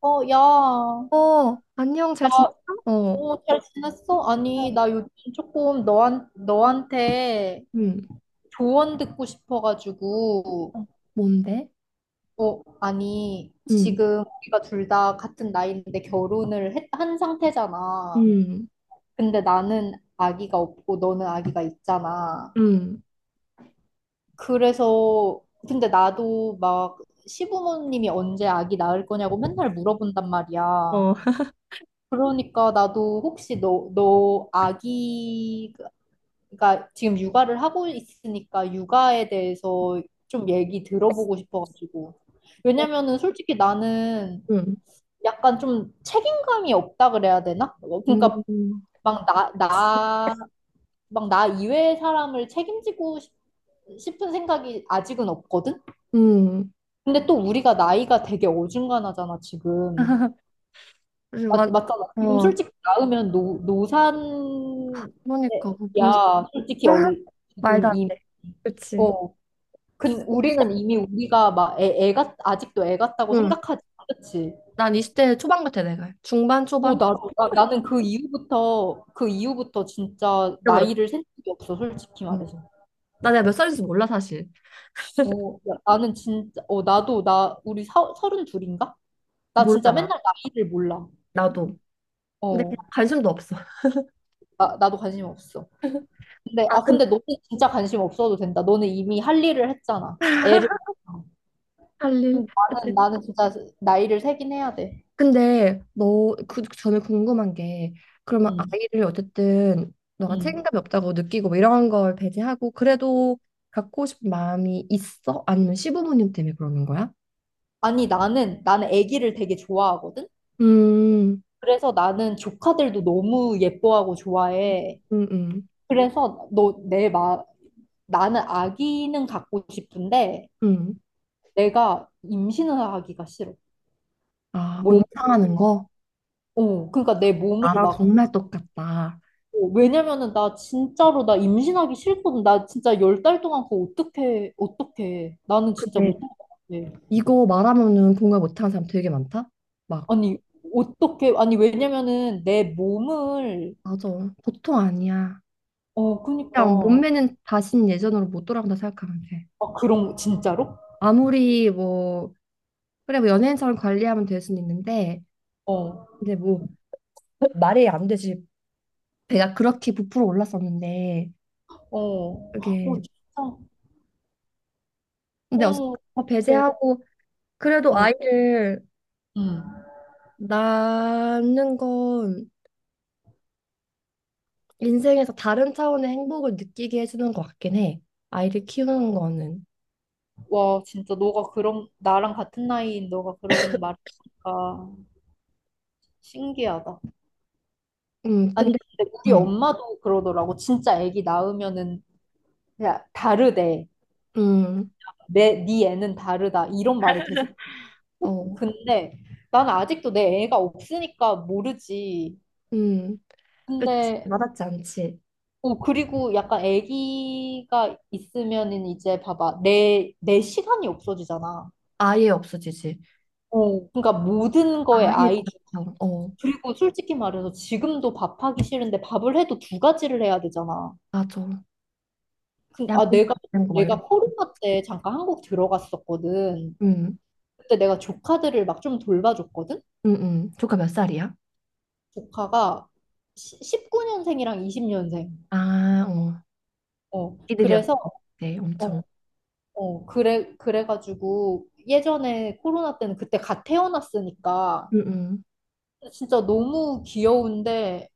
어, 야, 어, 안녕, 나, 잘 지냈어? 응? 어, 어, 잘 지냈어? 어, 아니, 나 요즘 조금 너한테 음, 조언 듣고 싶어가지고, 어, 뭔데? 어, 아니, 음, 지금 우리가 둘 다 같은 나이인데 한 상태잖아. 음, 근데 나는 아기가 없고 너는 아기가 있잖아. 음, 그래서, 근데 나도 막 시부모님이 언제 아기 낳을 거냐고 맨날 물어본단 말이야. 어, 그러니까 나도 혹시 너 아기 그러니까 지금 육아를 하고 있으니까 육아에 대해서 좀 얘기 들어보고 싶어가지고. 어, 왜냐면은 솔직히 나는 음, 약간 좀 책임감이 없다 그래야 되나? 어, 그러니까 음, 막 막 나 이외의 사람을 싶은 생각이 아직은 없거든? 음. 근데 또 우리가 나이가 되게 어중간하잖아, 지금. 그래서 완, 맞잖아. 지금 어, 솔직히 낳으면 아, 그러니까, 뭐 벌써, 노산이야. 솔직히 얼, 말도 지금 안 이, 돼. 그치. 어. 근 우리는 이미 우리가 막 아직도 애 같다고 응. 생각하지, 그렇지? 난 20대 초반 같아, 내가. 중반, 오, 초반? 나는 그 이후부터, 그 이후부터 진짜 잃어버렸어. 나이를 센 적이 없어, 솔직히 응. 말해서. 나 내가 몇 살인지 몰라, 사실. 어, 야, 나는 진짜, 어, 우리 서른 둘인가? 나 진짜 몰라, 나. 맨날 나이를 몰라. 나도. 근데 그냥 어, 관심도 없어. 나도 관심 없어. 근데, 아, 아, 근데. 근데 너는 진짜 관심 없어도 된다. 너는 이미 할 일을 했잖아. 애를. 낳았잖아. 할 일. 근데 나는 진짜 나이를 세긴 해야 돼. 근데 너 그 전에 궁금한 게 그러면 응, 아이를 어쨌든 너가 응. 책임감이 없다고 느끼고 뭐 이런 걸 배제하고 그래도 갖고 싶은 마음이 있어? 아니면 시부모님 때문에 그러는 거야? 아니, 나는 아기를 되게 좋아하거든? 음, 그래서 나는 조카들도 너무 예뻐하고 좋아해. 음, 음, 그래서 너, 내 마, 나는 아기는 갖고 싶은데, 음. 내가 임신을 하기가 싫어. 아, 몸 뭔지, 상하는 거? 어, 그러니까 내 몸을 나랑 막, 정말 똑같다. 어, 왜냐면은 나 진짜로 나 임신하기 싫거든. 나 진짜 10달 동안 그거 어떻게. 나는 진짜 근데 못할 것 같아. 이거 말하면은 공감 못하는 사람 되게 많다? 막, 아니, 어떻게, 아니, 왜냐면은 내 몸을, 맞아. 보통 아니야. 어, 그냥 그니까. 몸매는 다신 예전으로 못 돌아간다 생각하면 돼. 아, 그런, 진짜로? 아무리 뭐 그래, 뭐 연예인처럼 관리하면 될 수는 있는데, 어, 근데 뭐, 말이 안 되지. 배가 그렇게 부풀어 올랐었는데, 어, 어, 그게, 진짜, 근데 어쨌든 어 그거 네, 배제하고, 그래도 응, 아이를 응. 낳는 건 인생에서 다른 차원의 행복을 느끼게 해주는 것 같긴 해. 아이를 키우는 거는. 와, 진짜 너가 그런, 나랑 같은 나이인 너가 그런 말을 하니까 신기하다. 아니, 근데, 근데 우리 음, 엄마도 그러더라고. 진짜 아기 낳으면은 그냥 다르대. 음, 내, 네 애는 다르다. 이런 말을 계속 꼭, 어, 근데 나는 아직도 내 애가 없으니까 모르지. 음, 그치. 근데 와닿지 않지. 어, 그리고 약간 아기가 있으면은 이제 봐봐. 내 시간이 없어지잖아. 아예 없어지지. 어, 그러니까 모든 거에 아예, 아이디 없어. 어, 그리고 솔직히 말해서 지금도 밥하기 싫은데 밥을 해도 두 가지를 해야 되잖아. 맞아. 그, 양육 아, 내가, 받는 거 막 이런. 내가 거. 코로나 때 잠깐 한국 들어갔었거든. 음. 그때 내가 조카들을 막 좀 돌봐줬거든? 응응. 조카 몇 살이야? 조카가 19년생이랑 20년생. 아, 어. 어, 애들이야. 그래서, 네, 어, 엄청. 어, 그래, 그래가지고 예전에 코로나 때는 그때 갓 태어났으니까 응응. 진짜 너무 귀여운데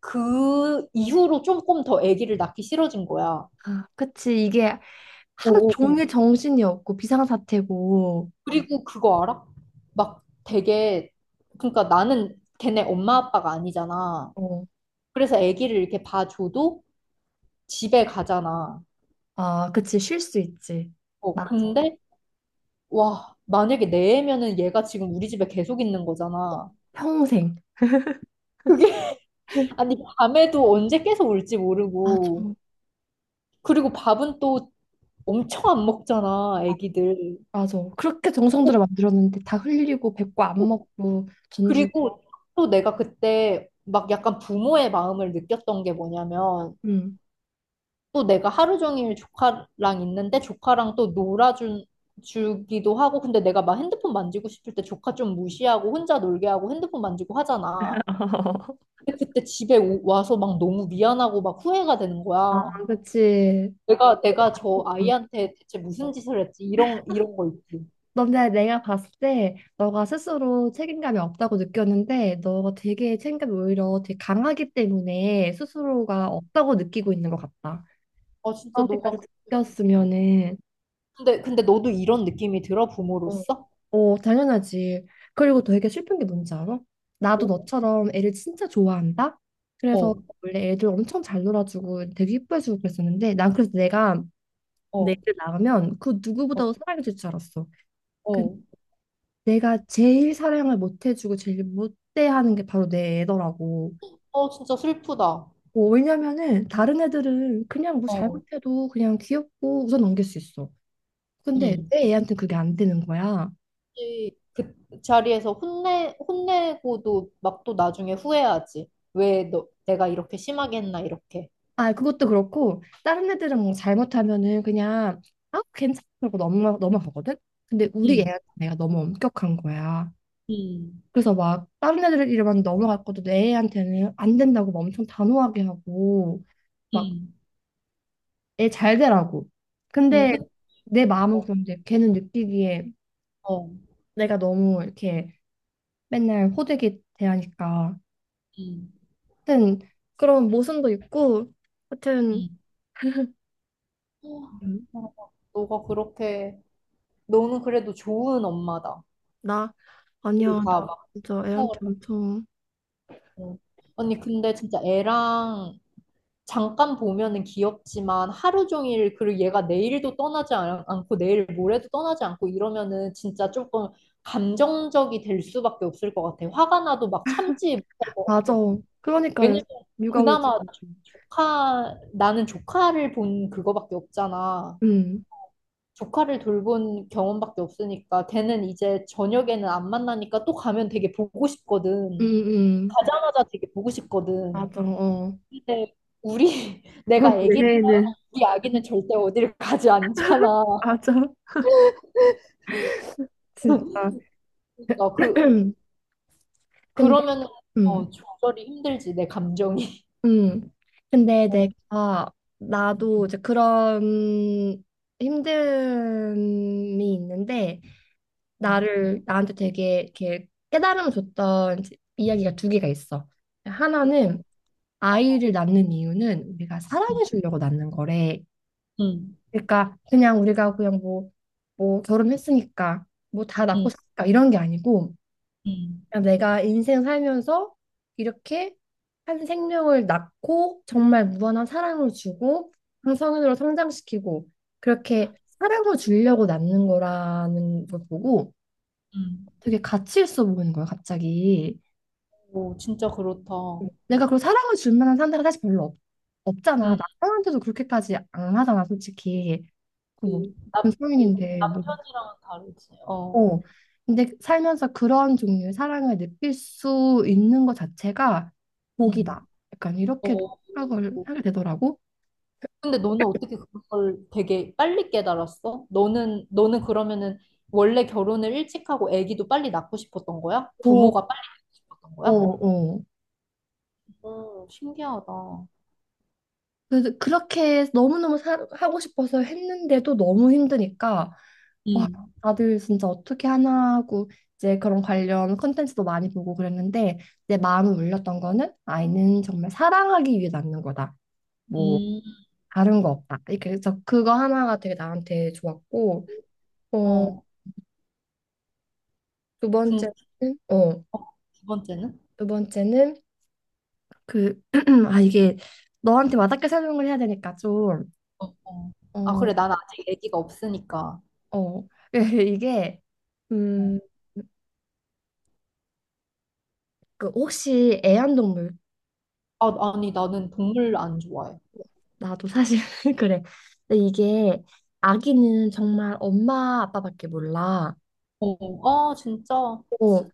그 이후로 조금 더 아기를 낳기 싫어진 거야. 아, 그치. 이게 하루 오오오. 종일 정신이 없고 비상사태고. 그리고 그거 알아? 막 되게 그러니까 나는 걔네 엄마 아빠가 아니잖아. 어. 그래서 아기를 이렇게 봐줘도 집에 가잖아. 아, 그치. 쉴 수 있지. 어 맞아. 근데 와 만약에 내 애면은 얘가 지금 우리 집에 계속 있는 거잖아. 평생. 그게 아니 밤에도 언제 깨서 울지 맞아. 모르고 그리고 밥은 또 엄청 안 먹잖아 애기들. 맞아. 그렇게 정성들을 꼭- 만들었는데 다 흘리고 뱉고 안 꼭. 먹고 던지고. 그리고 또 내가 그때 막 약간 부모의 마음을 느꼈던 게 뭐냐면 음. 또 내가 하루 종일 조카랑 있는데 조카랑 또 놀아준 주기도 하고 근데 내가 막 핸드폰 만지고 싶을 때 조카 좀 무시하고 혼자 놀게 하고 핸드폰 만지고 하잖아. 근데 그때 와서 막 너무 미안하고 막 후회가 되는 아, 거야. 그치. 내가 저 아이한테 대체 무슨 짓을 했지? 이런 거 있지. 너네 내가 봤을 때 너가 스스로 책임감이 없다고 느꼈는데 너가 되게 책임감이 오히려 되게 강하기 때문에 스스로가 없다고 느끼고 있는 것 같다. 아 진짜 너가 그렇게까지 그- 느꼈으면은 근데 너도 이런 느낌이 들어 어, 부모로서? 어, 당연하지. 그리고 되게 슬픈 게 뭔지 알아? 나도 어? 너처럼 애를 진짜 좋아한다. 그래서 어. 원래 애들 엄청 잘 놀아주고 되게 이뻐해주고 그랬었는데 난 그래서 내가 내 어. 애를 낳으면 그 어. 누구보다도 사랑해줄 줄 알았어. 그 어. 내가 제일 사랑을 못 해주고 제일 못 대하는 게 바로 내 애더라고. 어, 진짜 슬프다. 뭐, 왜냐면은 다른 애들은 그냥 뭐 어. 잘못해도 그냥 귀엽고 웃어 넘길 수 있어. 근데 응. 내 애한테 그게 안 되는 거야. 혹시 그 자리에서 혼내고도 막 또 나중에 후회하지. 왜 너, 내가 이렇게 심하게 했나, 이렇게. 아, 그것도 그렇고 다른 애들은 뭐 잘못하면은 그냥 아, 괜찮아 그러고 넘어가거든. 근데 우리 응, 애한테 내가 너무 엄격한 거야. 응, 그래서 막 다른 애들 이름만 넘어갈 것도 내 애한테는 안 된다고 막 엄청 단호하게 하고 막 응, 애 잘 되라고. 응, 근데 그쵸. 내 마음은 그런데 걔는 느끼기에 어. 내가 너무 이렇게 맨날 호되게 대하니까. 응, 하여튼 그런 모순도 있고, 하여튼 응. 어, 음, 너가 그렇게, 너는 그래도 좋은 엄마다. 나 아니야 다 나 막 진짜 생각을 애한테 하고. 엄청 언니, 근데 진짜 애랑 잠깐 보면은 귀엽지만 하루 종일 그리고 얘가 내일도 떠나지 않- 않고 내일 모레도 떠나지 않고 이러면은 진짜 조금 감정적이 될 수밖에 없을 것 같아. 화가 나도 막 참지 못할 것 맞아. 같아. 그러니까 요새 왜냐면 육아 울지. 그나마 조카 나는 조카를 본 그거밖에 없잖아. 음, 조카를 돌본 경험밖에 없으니까 걔는 이제 저녁에는 안 만나니까 또 가면 되게 보고 음, 싶거든. 음. 가자마자 되게 보고 싶거든. 맞아. 어. 근데 우리 내가 내 아기 해에는 우리 아기는 절대 어디를 가지 않잖아. 맞아. 진짜. 그러니까 그 근데 그러면은 어 음. 조절이 힘들지 내 감정이. 음. 근데 어, 내가 나도 이제 그런 힘듦이 있는데 음, 나를 나한테 되게 이렇게 깨달음을 줬던 이제 이야기가 두 개가 있어. 어, 하나는 아이를 낳는 이유는 우리가 음, 사랑해 주려고 낳는 거래. 음, 그러니까 그냥 우리가 그냥 뭐 결혼했으니까 뭐 다 낳고 살까 이런 게 아니고 음, 음. 그냥 내가 인생 살면서 이렇게 한 생명을 낳고 정말 무한한 사랑을 주고 한 성인으로 성장시키고 그렇게 사랑을 주려고 낳는 거라는 걸 보고 음. 되게 가치 있어 보이는 거야, 갑자기. 오, 진짜 그렇다. 내가 그 사랑을 줄 만한 상대가 사실 별로 없잖아. 음, 남편한테도 그렇게까지 안 하잖아, 솔직히. 그 뭐 그 남, 같은 어, 성인인데 뭐 남편이랑은 다르지. 어, 어. 근데 살면서 그런 종류의 사랑을 느낄 수 있는 것 자체가 복이다. 음, 약간 이렇게도 어. 생각을 하게 되더라고. 근데 너는 어떻게 그걸 되게 빨리 깨달았어? 너는 그러면은 원래 결혼을 일찍 하고 아기도 빨리 낳고 싶었던 거야? 어, 부모가 빨리 낳고 싶었던 어, 거야? 어. 오, 신기하다. 그래서 그렇게 너무너무 하고 싶어서 했는데도 너무 힘드니까, 와, 음, 다들 진짜 어떻게 하나 하고, 이제 그런 관련 컨텐츠도 많이 보고 그랬는데, 내 마음을 울렸던 거는 아이는 정말 사랑하기 위해 낳는 거다. 뭐, 음, 다른 거 없다. 이렇게 해서 그거 하나가 되게 나한테 좋았고, 어, 어, 두 그, 번째는 어, 어, 2번째는? 두 번째는 그 아 이게 너한테 와닿게 설명을 해야 되니까 좀 어. 아, 어, 그래, 난 아직 아기가 없으니까. 어. 이게 어. 음, 그 혹시 애완동물 아, 아니, 나는 동물 안 좋아해. 나도 사실 그래. 근데 이게 아기는 정말 엄마 아빠밖에 몰라. 어, 아, 진짜. 어, 스-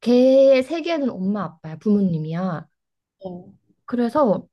걔 세계는 엄마 아빠야, 부모님이야. 어, 그래서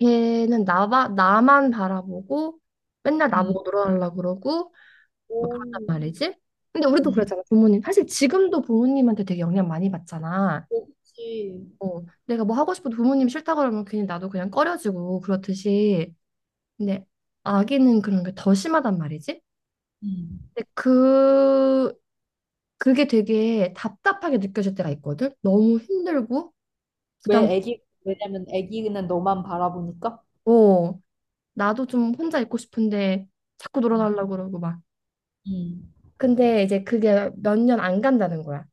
걔는 나만 나만 바라보고 맨날 음. 나보고 놀아달라 그러고 뭐 그 오, 런단 말이지. 근데 우리도 그렇 음. 잖아 부모님 사실 지금도 부모님한테 되게 영향 많이 받잖아. 그렇지. 어, 내가 뭐 하고 싶어도 부모님 싫다 그러면 괜히 나도 그냥 꺼려지고 그렇듯이. 근데 아기는 그런 게 더 심하단 말이지. 음. 근데 그게 되게 답답하게 느껴질 때가 있거든. 너무 힘들고 왜 애기, 왜냐면 애기는 너만 바라보니까? 부담스럽고 나도 좀 혼자 있고 싶은데 자꾸 음, 놀아달라고 그러고 막. 음, 근데 이제 그게 몇 년 안 간다는 거야.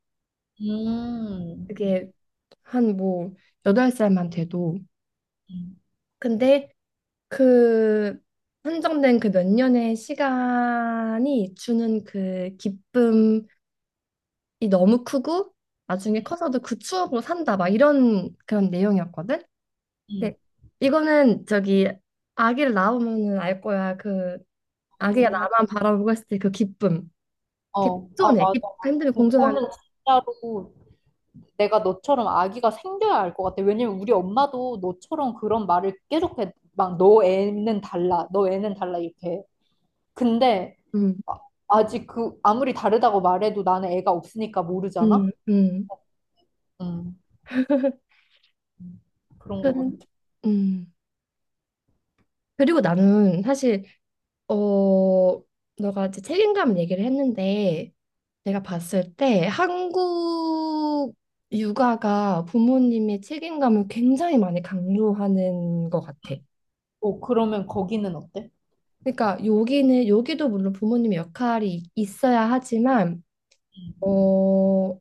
음, 그게 한 뭐 여덟 살만 돼도. 음, 근데 그 한정된 그 몇 년의 시간이 주는 그 기쁨이 너무 크고 나중에 커서도 그 추억으로 산다 막 이런 그런 내용이었거든. 음. 근데 이거는 저기 아기를 낳으면은 알 거야. 그 아기가 나만 바라보고 있을 때 그 기쁨. 어, 그 어. 아, 공존해. 맞아. 기쁨과 힘듦이 공존하는. 그거는 진짜로 내가 너처럼 아기가 생겨야 알 것 같아. 왜냐면 우리 엄마도 너처럼 그런 말을 계속 해. 막, 너 애는 달라. 너 애는 달라. 이렇게. 근데 음, 아- 아직 그, 아무리 다르다고 말해도 나는 애가 없으니까 모르잖아? 음, 음. 음, 음. 그런 그, 것 같아. 음. 그리고 나는 사실 어 너가 이제 책임감 얘기를 했는데. 제가 봤을 때 한국 육아가 부모님이 책임감을 굉장히 많이 강조하는 것 같아. 어, 그러면 거기는 어때? 그러니까 여기는 여기도 물론 부모님의 역할이 있어야 하지만 음, 어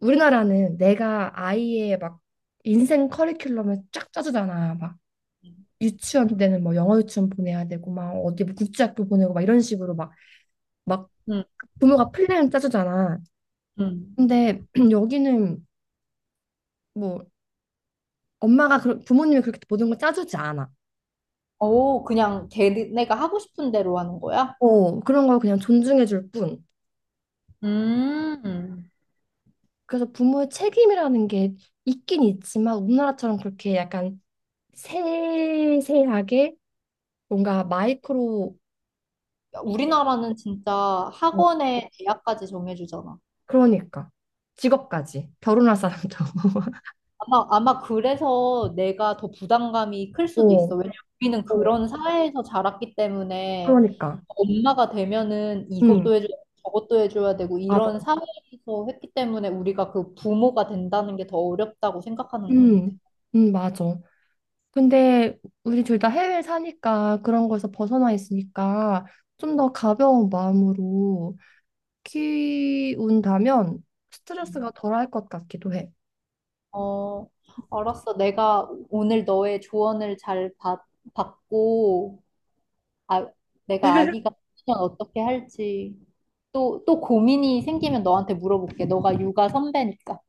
우리나라는 내가 아이의 막 인생 커리큘럼을 쫙 짜주잖아. 막 유치원 때는 뭐 영어 유치원 보내야 되고 막 어디 뭐 국제학교 보내고 막 이런 식으로 막 막 음, 부모가 플랜을 짜주잖아. 음. 근데 여기는 뭐 부모님이 그렇게 모든 걸 짜주지 않아. 오, 그냥 걔네가 하고 싶은 대로 하는 거야? 어, 그런 걸 그냥 존중해 줄 뿐. 음, 그래서 부모의 책임이라는 게 있긴 있지만 우리나라처럼 그렇게 약간 세세하게 뭔가 마이크로 우리나라는 진짜 어, 학원에 대학까지 정해주잖아. 그러니까 직업까지 결혼할 사람도 아마 그래서 내가 더 부담감이 클 수도 있어. 어, 왜냐면 우리는 어, 그런 사회에서 자랐기 때문에 그러니까. 엄마가 되면은 음, 이것도 해줘야 되고 저것도 해줘야 되고 맞아. 이런 사회에서 했기 때문에 우리가 그 부모가 된다는 게 더 어렵다고 생각하는 것 음, 같아. 맞아. 근데 우리 둘 다 해외에 사니까 그런 거에서 벗어나 있으니까 좀 더 가벼운 마음으로 키운다면 스트레스가 덜할 것 같기도 해. 어, 알았어. 내가 오늘 너의 받고 아, 내가 아기가 커지면 어떻게 할지 또 고민이 생기면 너한테 물어볼게. 너가 육아 선배니까.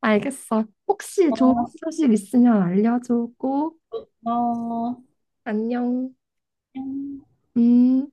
알겠어. 혹시 좋은 어, 소식 있으면 알려줘 꼭. 어, 안녕. 안녕. 음.